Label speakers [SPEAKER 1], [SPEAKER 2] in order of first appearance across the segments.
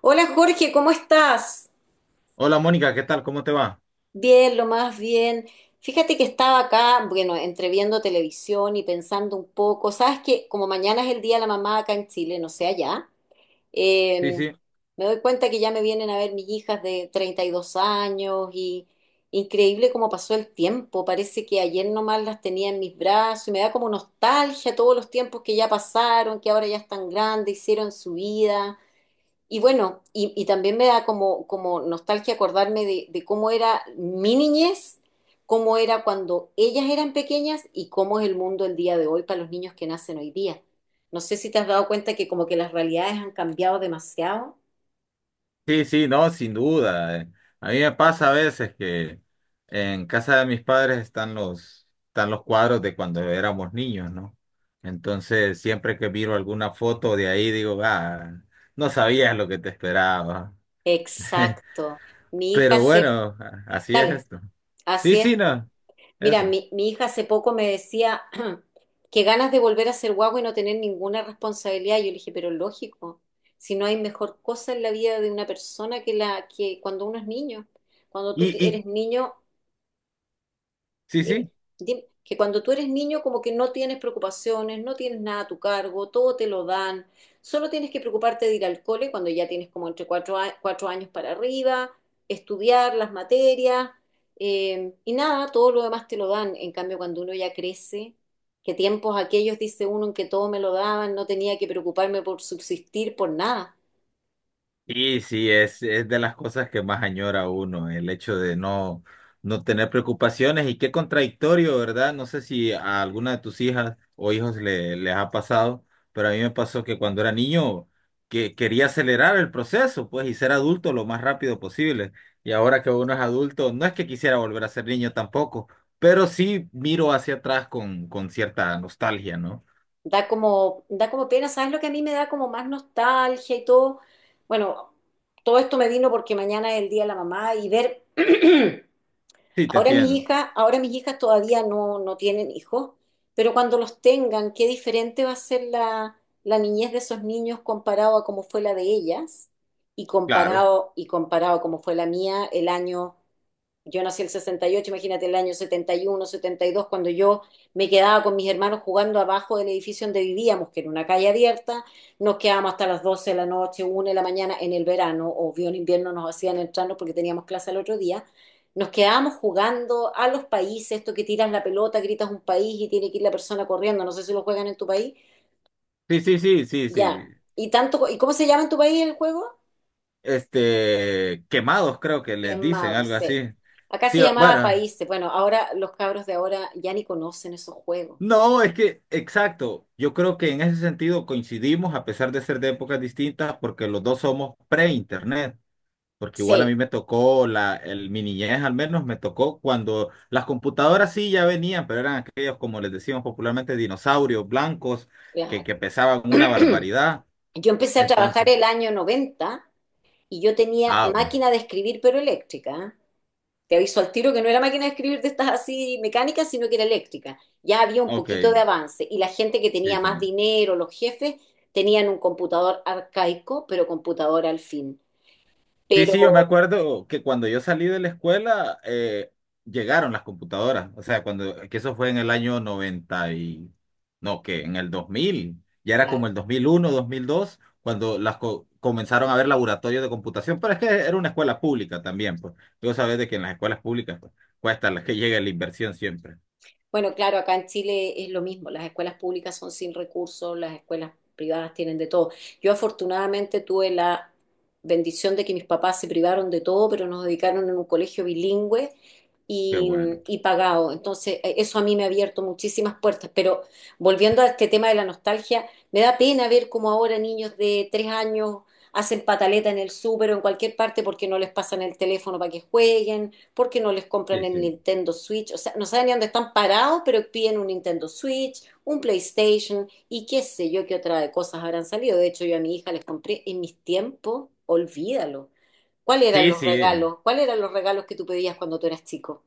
[SPEAKER 1] Hola Jorge, ¿cómo estás?
[SPEAKER 2] Hola Mónica, ¿qué tal? ¿Cómo te va?
[SPEAKER 1] Bien, lo más bien. Fíjate que estaba acá, bueno, entre viendo televisión y pensando un poco. Sabes que como mañana es el Día de la Mamá acá en Chile, no sé allá,
[SPEAKER 2] Sí,
[SPEAKER 1] eh,
[SPEAKER 2] sí,
[SPEAKER 1] me doy cuenta que ya me vienen a ver mis hijas de 32 años y increíble cómo pasó el tiempo. Parece que ayer nomás las tenía en mis brazos y me da como nostalgia todos los tiempos que ya pasaron, que ahora ya están grandes, hicieron su vida. Y bueno, y también me da como nostalgia acordarme de cómo era mi niñez, cómo era cuando ellas eran pequeñas y cómo es el mundo el día de hoy para los niños que nacen hoy día. No sé si te has dado cuenta que como que las realidades han cambiado demasiado.
[SPEAKER 2] sí, sí, no, sin duda. A mí me pasa a veces que en casa de mis padres están los cuadros de cuando éramos niños, ¿no? Entonces, siempre que miro alguna foto de ahí, digo, ah, no sabías lo que te esperaba.
[SPEAKER 1] Exacto. Mi hija
[SPEAKER 2] Pero
[SPEAKER 1] se...
[SPEAKER 2] bueno, así es
[SPEAKER 1] Dale,
[SPEAKER 2] esto. Sí,
[SPEAKER 1] así
[SPEAKER 2] sí,
[SPEAKER 1] es, po.
[SPEAKER 2] no,
[SPEAKER 1] Mira,
[SPEAKER 2] eso.
[SPEAKER 1] mi hija hace poco me decía que ganas de volver a ser guagua y no tener ninguna responsabilidad. Yo le dije, pero lógico, si no hay mejor cosa en la vida de una persona que la que cuando uno es niño. Cuando
[SPEAKER 2] Y,
[SPEAKER 1] tú
[SPEAKER 2] y,
[SPEAKER 1] eres niño,
[SPEAKER 2] sí,
[SPEAKER 1] Dim-
[SPEAKER 2] sí.
[SPEAKER 1] que cuando tú eres niño como que no tienes preocupaciones, no tienes nada a tu cargo, todo te lo dan, solo tienes que preocuparte de ir al cole cuando ya tienes como entre 4 años para arriba, estudiar las materias y nada, todo lo demás te lo dan. En cambio, cuando uno ya crece, que tiempos aquellos, dice uno, en que todo me lo daban, no tenía que preocuparme por subsistir, por nada.
[SPEAKER 2] Sí, sí, es de las cosas que más añora uno, el hecho de no tener preocupaciones y qué contradictorio, ¿verdad? No sé si a alguna de tus hijas o hijos les ha pasado, pero a mí me pasó que cuando era niño que quería acelerar el proceso, pues, y ser adulto lo más rápido posible. Y ahora que uno es adulto, no es que quisiera volver a ser niño tampoco, pero sí miro hacia atrás con cierta nostalgia, ¿no?
[SPEAKER 1] Da como pena, ¿sabes lo que a mí me da como más nostalgia y todo? Bueno, todo esto me vino porque mañana es el Día de la Mamá y ver,
[SPEAKER 2] Sí, te
[SPEAKER 1] ahora mis
[SPEAKER 2] entiendo.
[SPEAKER 1] hijas, ahora mis hijas todavía no tienen hijos, pero cuando los tengan, qué diferente va a ser la niñez de esos niños comparado a cómo fue la de ellas y
[SPEAKER 2] Claro.
[SPEAKER 1] comparado a cómo fue la mía el año yo nací en el 68, imagínate el año 71, 72, cuando yo me quedaba con mis hermanos jugando abajo del edificio donde vivíamos, que era una calle abierta, nos quedábamos hasta las 12 de la noche, 1 de la mañana en el verano, obvio en invierno nos hacían entrarnos porque teníamos clase al otro día, nos quedábamos jugando a los países, esto que tiras la pelota, gritas un país y tiene que ir la persona corriendo, no sé si lo juegan en tu país,
[SPEAKER 2] Sí, sí, sí, sí, sí.
[SPEAKER 1] ya. ¿Y cómo se llama en tu país el juego?
[SPEAKER 2] Este, quemados, creo que les dicen
[SPEAKER 1] Quemado,
[SPEAKER 2] algo
[SPEAKER 1] sí.
[SPEAKER 2] así.
[SPEAKER 1] Acá
[SPEAKER 2] Sí,
[SPEAKER 1] se llamaba
[SPEAKER 2] bueno,
[SPEAKER 1] países. Bueno, ahora los cabros de ahora ya ni conocen esos juegos.
[SPEAKER 2] no, es que, exacto, yo creo que en ese sentido coincidimos a pesar de ser de épocas distintas porque los dos somos pre-internet, porque igual a
[SPEAKER 1] Sí,
[SPEAKER 2] mí me tocó, mi niñez al menos me tocó cuando las computadoras sí ya venían, pero eran aquellos, como les decíamos popularmente, dinosaurios blancos que
[SPEAKER 1] claro.
[SPEAKER 2] pesaban una barbaridad.
[SPEAKER 1] Yo empecé a trabajar
[SPEAKER 2] Entonces,
[SPEAKER 1] el año 90 y yo tenía
[SPEAKER 2] ah, ok,
[SPEAKER 1] máquina de escribir, pero eléctrica. ¿Eh? Te aviso al tiro que no era máquina de escribir de estas así mecánicas, sino que era eléctrica. Ya había un
[SPEAKER 2] ok,
[SPEAKER 1] poquito de avance y la gente que
[SPEAKER 2] sí,
[SPEAKER 1] tenía
[SPEAKER 2] sí.
[SPEAKER 1] más dinero, los jefes, tenían un computador arcaico, pero computador al fin.
[SPEAKER 2] Sí,
[SPEAKER 1] Pero,
[SPEAKER 2] sí, yo me acuerdo que cuando yo salí de la escuela llegaron las computadoras, o sea, cuando que eso fue en el año 90 y no, que en el 2000 ya era como
[SPEAKER 1] claro.
[SPEAKER 2] el dos dos mil uno dos mil dos cuando las comenzaron a haber laboratorios de computación, pero es que era una escuela pública también, pues. Tú sabes de que en las escuelas públicas pues, cuesta la que llegue la inversión siempre.
[SPEAKER 1] Bueno, claro, acá en Chile es lo mismo, las escuelas públicas son sin recursos, las escuelas privadas tienen de todo. Yo afortunadamente tuve la bendición de que mis papás se privaron de todo, pero nos dedicaron en un colegio bilingüe
[SPEAKER 2] Qué
[SPEAKER 1] y,
[SPEAKER 2] bueno.
[SPEAKER 1] y pagado. Entonces, eso a mí me ha abierto muchísimas puertas. Pero volviendo a este tema de la nostalgia, me da pena ver cómo ahora niños de 3 años hacen pataleta en el súper o en cualquier parte porque no les pasan el teléfono para que jueguen porque no les compran
[SPEAKER 2] Sí,
[SPEAKER 1] el
[SPEAKER 2] sí.
[SPEAKER 1] Nintendo Switch, o sea, no saben ni dónde están parados, pero piden un Nintendo Switch, un PlayStation y qué sé yo qué otra de cosas habrán salido. De hecho, yo a mi hija les compré en mis tiempos, olvídalo. ¿Cuáles eran
[SPEAKER 2] Sí,
[SPEAKER 1] los
[SPEAKER 2] sí.
[SPEAKER 1] regalos? ¿Cuáles eran los regalos que tú pedías cuando tú eras chico?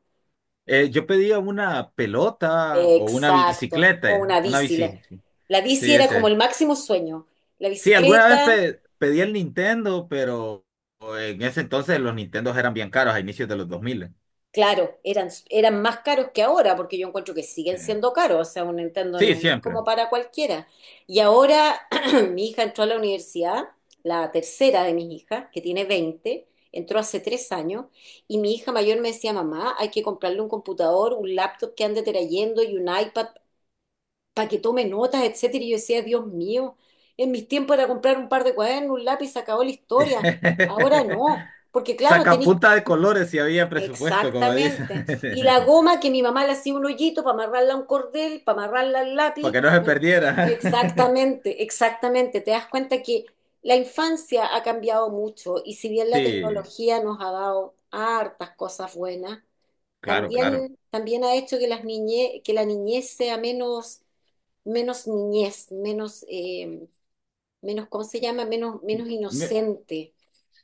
[SPEAKER 2] Yo pedía una pelota o una
[SPEAKER 1] Exacto, o
[SPEAKER 2] bicicleta,
[SPEAKER 1] una
[SPEAKER 2] una
[SPEAKER 1] bici. La,
[SPEAKER 2] bici. Sí,
[SPEAKER 1] la bici
[SPEAKER 2] sí,
[SPEAKER 1] era como
[SPEAKER 2] ese.
[SPEAKER 1] el máximo sueño. La
[SPEAKER 2] Sí, alguna vez
[SPEAKER 1] bicicleta.
[SPEAKER 2] pedí el Nintendo, pero en ese entonces los Nintendos eran bien caros a inicios de los 2000.
[SPEAKER 1] Claro, eran más caros que ahora, porque yo encuentro que siguen
[SPEAKER 2] Eh,
[SPEAKER 1] siendo caros, o sea, un Nintendo
[SPEAKER 2] Sí,
[SPEAKER 1] no es
[SPEAKER 2] siempre.
[SPEAKER 1] como para cualquiera. Y ahora mi hija entró a la universidad, la tercera de mis hijas, que tiene 20, entró hace 3 años, y mi hija mayor me decía, mamá, hay que comprarle un computador, un laptop que ande trayendo y un iPad para que tome notas, etcétera. Y yo decía, Dios mío, en mis tiempos era comprar un par de cuadernos, un lápiz, se acabó la historia. Ahora no, porque claro, tenéis.
[SPEAKER 2] Sacapunta de colores si había presupuesto, como dicen,
[SPEAKER 1] Exactamente. Y la goma que mi mamá le hacía un hoyito para amarrarla a un cordel, para amarrarla al
[SPEAKER 2] para que
[SPEAKER 1] lápiz.
[SPEAKER 2] no se perdiera.
[SPEAKER 1] Exactamente, exactamente. Te das cuenta que la infancia ha cambiado mucho y si bien la
[SPEAKER 2] Sí,
[SPEAKER 1] tecnología nos ha dado hartas cosas buenas,
[SPEAKER 2] claro, claro.
[SPEAKER 1] también, también ha hecho que que la niñez sea menos, menos niñez, menos, menos, ¿cómo se llama? Menos, menos inocente.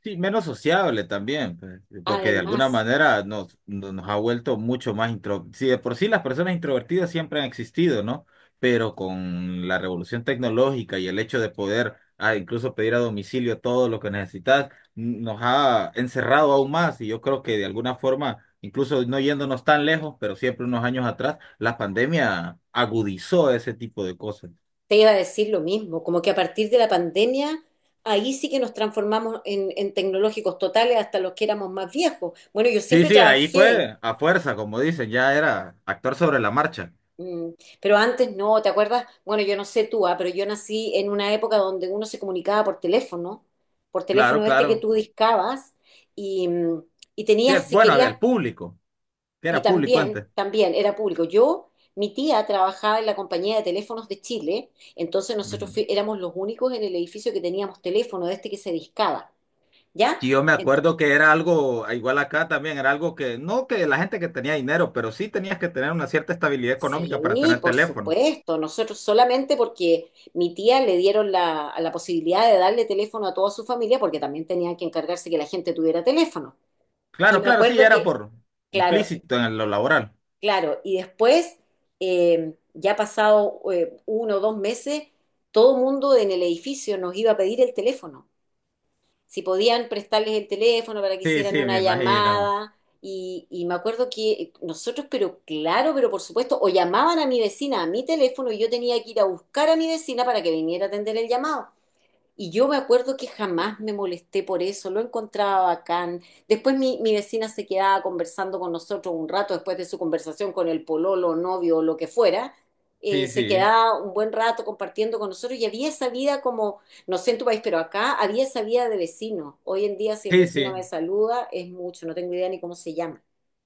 [SPEAKER 2] Sí, menos sociable también, pues, porque de alguna
[SPEAKER 1] Además.
[SPEAKER 2] manera nos, no- nos ha vuelto mucho más intro. Sí, de por sí las personas introvertidas siempre han existido, ¿no? Pero con la revolución tecnológica y el hecho de poder incluso pedir a domicilio todo lo que necesitas, nos ha encerrado aún más. Y yo creo que de alguna forma, incluso no yéndonos tan lejos, pero siempre unos años atrás, la pandemia agudizó ese tipo de cosas.
[SPEAKER 1] Te iba a decir lo mismo, como que a partir de la pandemia, ahí sí que nos transformamos en tecnológicos totales hasta los que éramos más viejos. Bueno, yo
[SPEAKER 2] Sí,
[SPEAKER 1] siempre
[SPEAKER 2] sí, ahí
[SPEAKER 1] trabajé,
[SPEAKER 2] fue a fuerza, como dicen, ya era actor sobre la marcha.
[SPEAKER 1] mm, pero antes no, ¿te acuerdas? Bueno, yo no sé tú, ah, pero yo nací en una época donde uno se comunicaba por
[SPEAKER 2] Claro,
[SPEAKER 1] teléfono este que
[SPEAKER 2] claro.
[SPEAKER 1] tú discabas, y, mm, y
[SPEAKER 2] Sí,
[SPEAKER 1] tenías, si
[SPEAKER 2] bueno, el
[SPEAKER 1] querías.
[SPEAKER 2] público, que
[SPEAKER 1] Y
[SPEAKER 2] era público
[SPEAKER 1] también,
[SPEAKER 2] antes.
[SPEAKER 1] también era público. Mi tía trabajaba en la compañía de teléfonos de Chile, entonces nosotros
[SPEAKER 2] Ujú.
[SPEAKER 1] éramos los únicos en el edificio que teníamos teléfono de este que se discaba, ¿ya?
[SPEAKER 2] Y yo me
[SPEAKER 1] Ent-
[SPEAKER 2] acuerdo que era algo, ah, igual acá también, era algo que, no que la gente que tenía dinero, pero sí tenías que tener una cierta estabilidad económica para
[SPEAKER 1] sí,
[SPEAKER 2] tener
[SPEAKER 1] por
[SPEAKER 2] teléfono.
[SPEAKER 1] supuesto, nosotros solamente porque mi tía le dieron la posibilidad de darle teléfono a toda su familia, porque también tenían que encargarse que la gente tuviera teléfono. Y
[SPEAKER 2] Claro,
[SPEAKER 1] me
[SPEAKER 2] claro, sí,
[SPEAKER 1] acuerdo
[SPEAKER 2] era
[SPEAKER 1] que,
[SPEAKER 2] por
[SPEAKER 1] claro.
[SPEAKER 2] implícito en lo laboral.
[SPEAKER 1] Claro, y después, ya pasado 1 o 2 meses, todo el mundo en el edificio nos iba a pedir el teléfono, si podían prestarles el teléfono para que
[SPEAKER 2] Sí,
[SPEAKER 1] hicieran
[SPEAKER 2] sí, me
[SPEAKER 1] una
[SPEAKER 2] imagino.
[SPEAKER 1] llamada. Y me acuerdo que nosotros, pero claro, pero por supuesto, o llamaban a mi vecina a mi teléfono y yo tenía que ir a buscar a mi vecina para que viniera a atender el llamado. Y yo me acuerdo que jamás me molesté por eso, lo encontraba bacán. Después mi vecina se quedaba conversando con nosotros un rato después de su conversación con el pololo, novio o lo que fuera.
[SPEAKER 2] Sí,
[SPEAKER 1] Se
[SPEAKER 2] sí.
[SPEAKER 1] quedaba un buen rato compartiendo con nosotros y había esa vida como, no sé en tu país, pero acá había esa vida de vecino. Hoy en día si el
[SPEAKER 2] Sí,
[SPEAKER 1] vecino
[SPEAKER 2] sí.
[SPEAKER 1] me saluda es mucho, no tengo idea ni cómo se llama.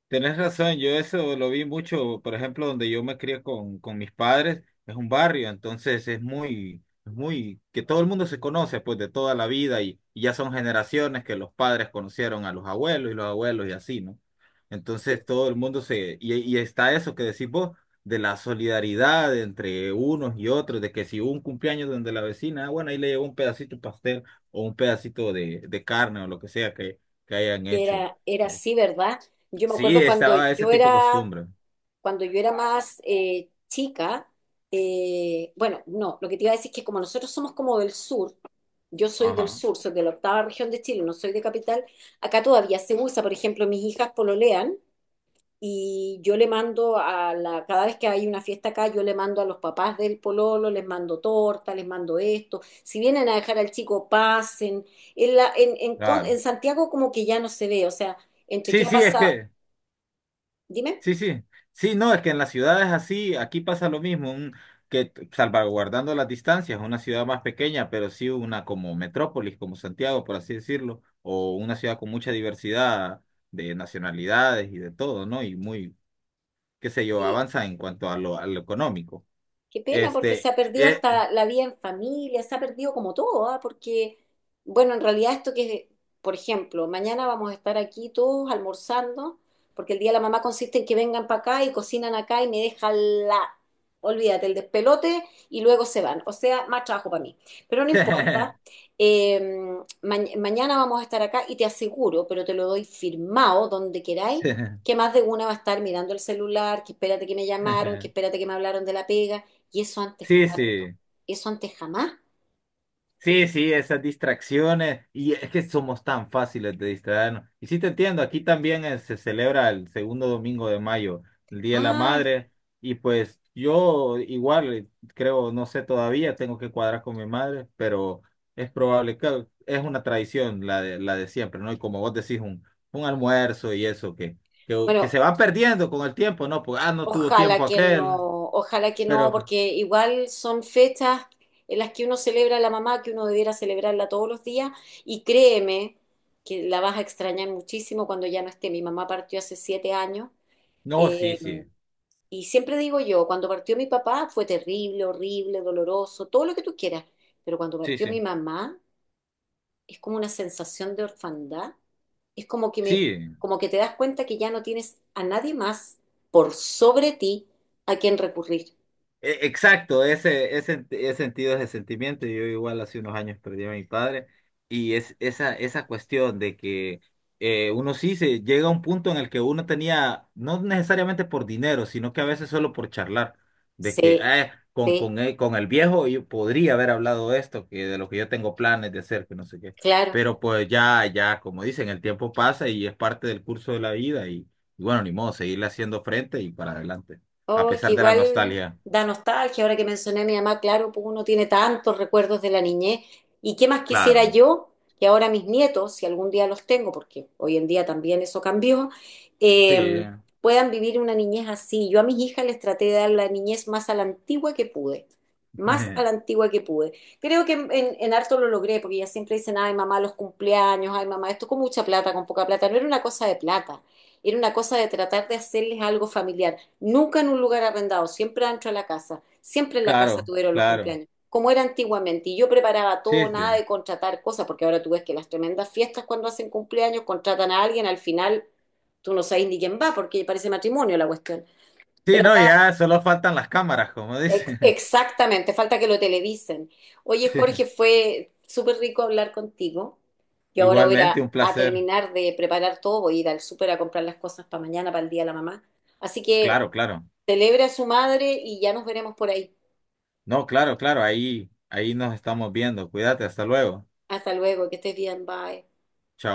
[SPEAKER 2] Tenés razón, yo eso lo vi mucho, por ejemplo, donde yo me crié con mis padres, es un barrio, entonces es muy, que todo el mundo se conoce pues de toda la vida y ya son generaciones que los padres conocieron a los abuelos y así, ¿no?
[SPEAKER 1] Se-
[SPEAKER 2] Entonces todo el mundo y está eso que decís vos, de la solidaridad entre unos y otros, de que si hubo un cumpleaños donde la vecina, ah, bueno, ahí le llevó un pedacito de pastel o un pedacito de carne o lo que sea que hayan
[SPEAKER 1] que
[SPEAKER 2] hecho.
[SPEAKER 1] Era así, ¿verdad? Yo me
[SPEAKER 2] Sí,
[SPEAKER 1] acuerdo cuando
[SPEAKER 2] estaba ese
[SPEAKER 1] yo
[SPEAKER 2] tipo de
[SPEAKER 1] era
[SPEAKER 2] costumbre.
[SPEAKER 1] cuando yo era más chica, bueno, no, lo que te iba a decir es que como nosotros somos como del sur, yo soy del
[SPEAKER 2] Ajá,
[SPEAKER 1] sur, soy de la octava región de Chile, no soy de capital, acá todavía se usa, por ejemplo, mis hijas pololean y yo le mando cada vez que hay una fiesta acá, yo le mando a los papás del pololo, les mando torta, les mando esto, si vienen a dejar al chico, pasen. En, la, en, con-
[SPEAKER 2] claro.
[SPEAKER 1] en Santiago como que ya no se ve, o sea, entre
[SPEAKER 2] Sí,
[SPEAKER 1] qué ha
[SPEAKER 2] sí, es
[SPEAKER 1] pasado,
[SPEAKER 2] que,
[SPEAKER 1] dime.
[SPEAKER 2] sí, sí, sí, no, es que en las ciudades así, aquí pasa lo mismo, salvaguardando las distancias, una ciudad más pequeña, pero sí una como metrópolis, como Santiago, por así decirlo, o una ciudad con mucha diversidad de nacionalidades y de todo, ¿no? Qué sé yo, avanza en cuanto a a lo económico.
[SPEAKER 1] Qué pena, porque se
[SPEAKER 2] Este,
[SPEAKER 1] ha perdido
[SPEAKER 2] eh,
[SPEAKER 1] hasta la vida en familia, se ha perdido como todo, ¿ah? Porque, bueno, en realidad esto que, por ejemplo, mañana vamos a estar aquí todos almorzando, porque el día de la mamá consiste en que vengan para acá y cocinan acá y me dejan la, olvídate, el despelote y luego se van. O sea, más trabajo para mí. Pero no importa, eh, mañana vamos a estar acá y te aseguro, pero te lo doy firmado donde queráis, que más de una va a estar mirando el celular, que espérate que me llamaron, que espérate que me hablaron de la pega. ¿Y eso antes
[SPEAKER 2] sí,
[SPEAKER 1] cuándo?
[SPEAKER 2] sí.
[SPEAKER 1] ¿Eso antes jamás?
[SPEAKER 2] Sí, sí, esas distracciones. Y es que somos tan fáciles de distraernos. Y sí te entiendo, aquí también se celebra el segundo domingo de mayo, el Día de la
[SPEAKER 1] Ah,
[SPEAKER 2] Madre. Y pues yo igual, creo, no sé todavía, tengo que cuadrar con mi madre, pero es probable que es una tradición la de siempre, ¿no? Y como vos decís, un almuerzo y eso que
[SPEAKER 1] bueno,
[SPEAKER 2] se va perdiendo con el tiempo, ¿no? Pues, ah, no tuvo tiempo aquel,
[SPEAKER 1] ojalá que no,
[SPEAKER 2] pero
[SPEAKER 1] porque igual son fechas en las que uno celebra a la mamá, que uno debiera celebrarla todos los días, y créeme que la vas a extrañar muchísimo cuando ya no esté. Mi mamá partió hace 7 años,
[SPEAKER 2] no, sí,
[SPEAKER 1] eh,
[SPEAKER 2] sí,
[SPEAKER 1] y siempre digo yo, cuando partió mi papá fue terrible, horrible, doloroso, todo lo que tú quieras, pero cuando
[SPEAKER 2] sí,
[SPEAKER 1] partió mi
[SPEAKER 2] sí,
[SPEAKER 1] mamá es como una sensación de orfandad. Es como que me,
[SPEAKER 2] sí.
[SPEAKER 1] como que te das cuenta que ya no tienes a nadie más por sobre ti a quien recurrir.
[SPEAKER 2] E- Exacto, ese sentido, ese sentimiento. Yo igual hace unos años perdí a mi padre y es esa cuestión de que uno sí se llega a un punto en el que uno tenía, no necesariamente por dinero, sino que a veces solo por charlar, de que
[SPEAKER 1] Sí, sí,
[SPEAKER 2] Él- con el viejo yo podría haber hablado esto, que de lo que yo tengo planes de hacer, que no sé qué.
[SPEAKER 1] claro.
[SPEAKER 2] Pero pues ya, como dicen, el tiempo pasa y es parte del curso de la vida y bueno, ni modo, seguirle haciendo frente y para adelante, a
[SPEAKER 1] Oh, que
[SPEAKER 2] pesar de la
[SPEAKER 1] igual
[SPEAKER 2] nostalgia.
[SPEAKER 1] da nostalgia, ahora que mencioné a mi mamá, claro, pues uno tiene tantos recuerdos de la niñez. ¿Y qué más quisiera
[SPEAKER 2] Claro,
[SPEAKER 1] yo que ahora mis nietos, si algún día los tengo, porque hoy en día también eso cambió,
[SPEAKER 2] sí,
[SPEAKER 1] eh, puedan vivir una niñez así? Yo a mis hijas les traté de dar la niñez más a la antigua que pude, más a la antigua que pude. Creo que en harto lo logré, porque ellas siempre dicen, ay mamá, los cumpleaños, ay mamá, esto con mucha plata, con poca plata. No era una cosa de plata, era una cosa de tratar de hacerles algo familiar. Nunca en un lugar arrendado, siempre adentro de la casa. Siempre en la casa
[SPEAKER 2] claro,
[SPEAKER 1] tuvieron los
[SPEAKER 2] claro.
[SPEAKER 1] cumpleaños, como era antiguamente. Y yo preparaba todo,
[SPEAKER 2] Sí,
[SPEAKER 1] nada
[SPEAKER 2] sí.
[SPEAKER 1] de contratar cosas, porque ahora tú ves que las tremendas fiestas cuando hacen cumpleaños contratan a alguien, al final tú no sabes ni quién va, porque parece matrimonio la cuestión.
[SPEAKER 2] Sí,
[SPEAKER 1] Pero
[SPEAKER 2] no,
[SPEAKER 1] acá,
[SPEAKER 2] ya solo faltan las cámaras, como dicen.
[SPEAKER 1] exactamente, falta que lo televisen. Oye,
[SPEAKER 2] Sí.
[SPEAKER 1] Jorge, fue súper rico hablar contigo. Yo ahora voy a, ir a
[SPEAKER 2] Igualmente, un
[SPEAKER 1] a
[SPEAKER 2] placer.
[SPEAKER 1] terminar de preparar todo, voy a ir al súper a comprar las cosas para mañana, para el Día de la Mamá. Así que
[SPEAKER 2] Claro, claro.
[SPEAKER 1] celebra a su madre y ya nos veremos por ahí.
[SPEAKER 2] No, claro, claro, ahí, ahí nos estamos viendo. Cuídate, hasta luego.
[SPEAKER 1] Hasta luego, que estés bien, bye.
[SPEAKER 2] Chao.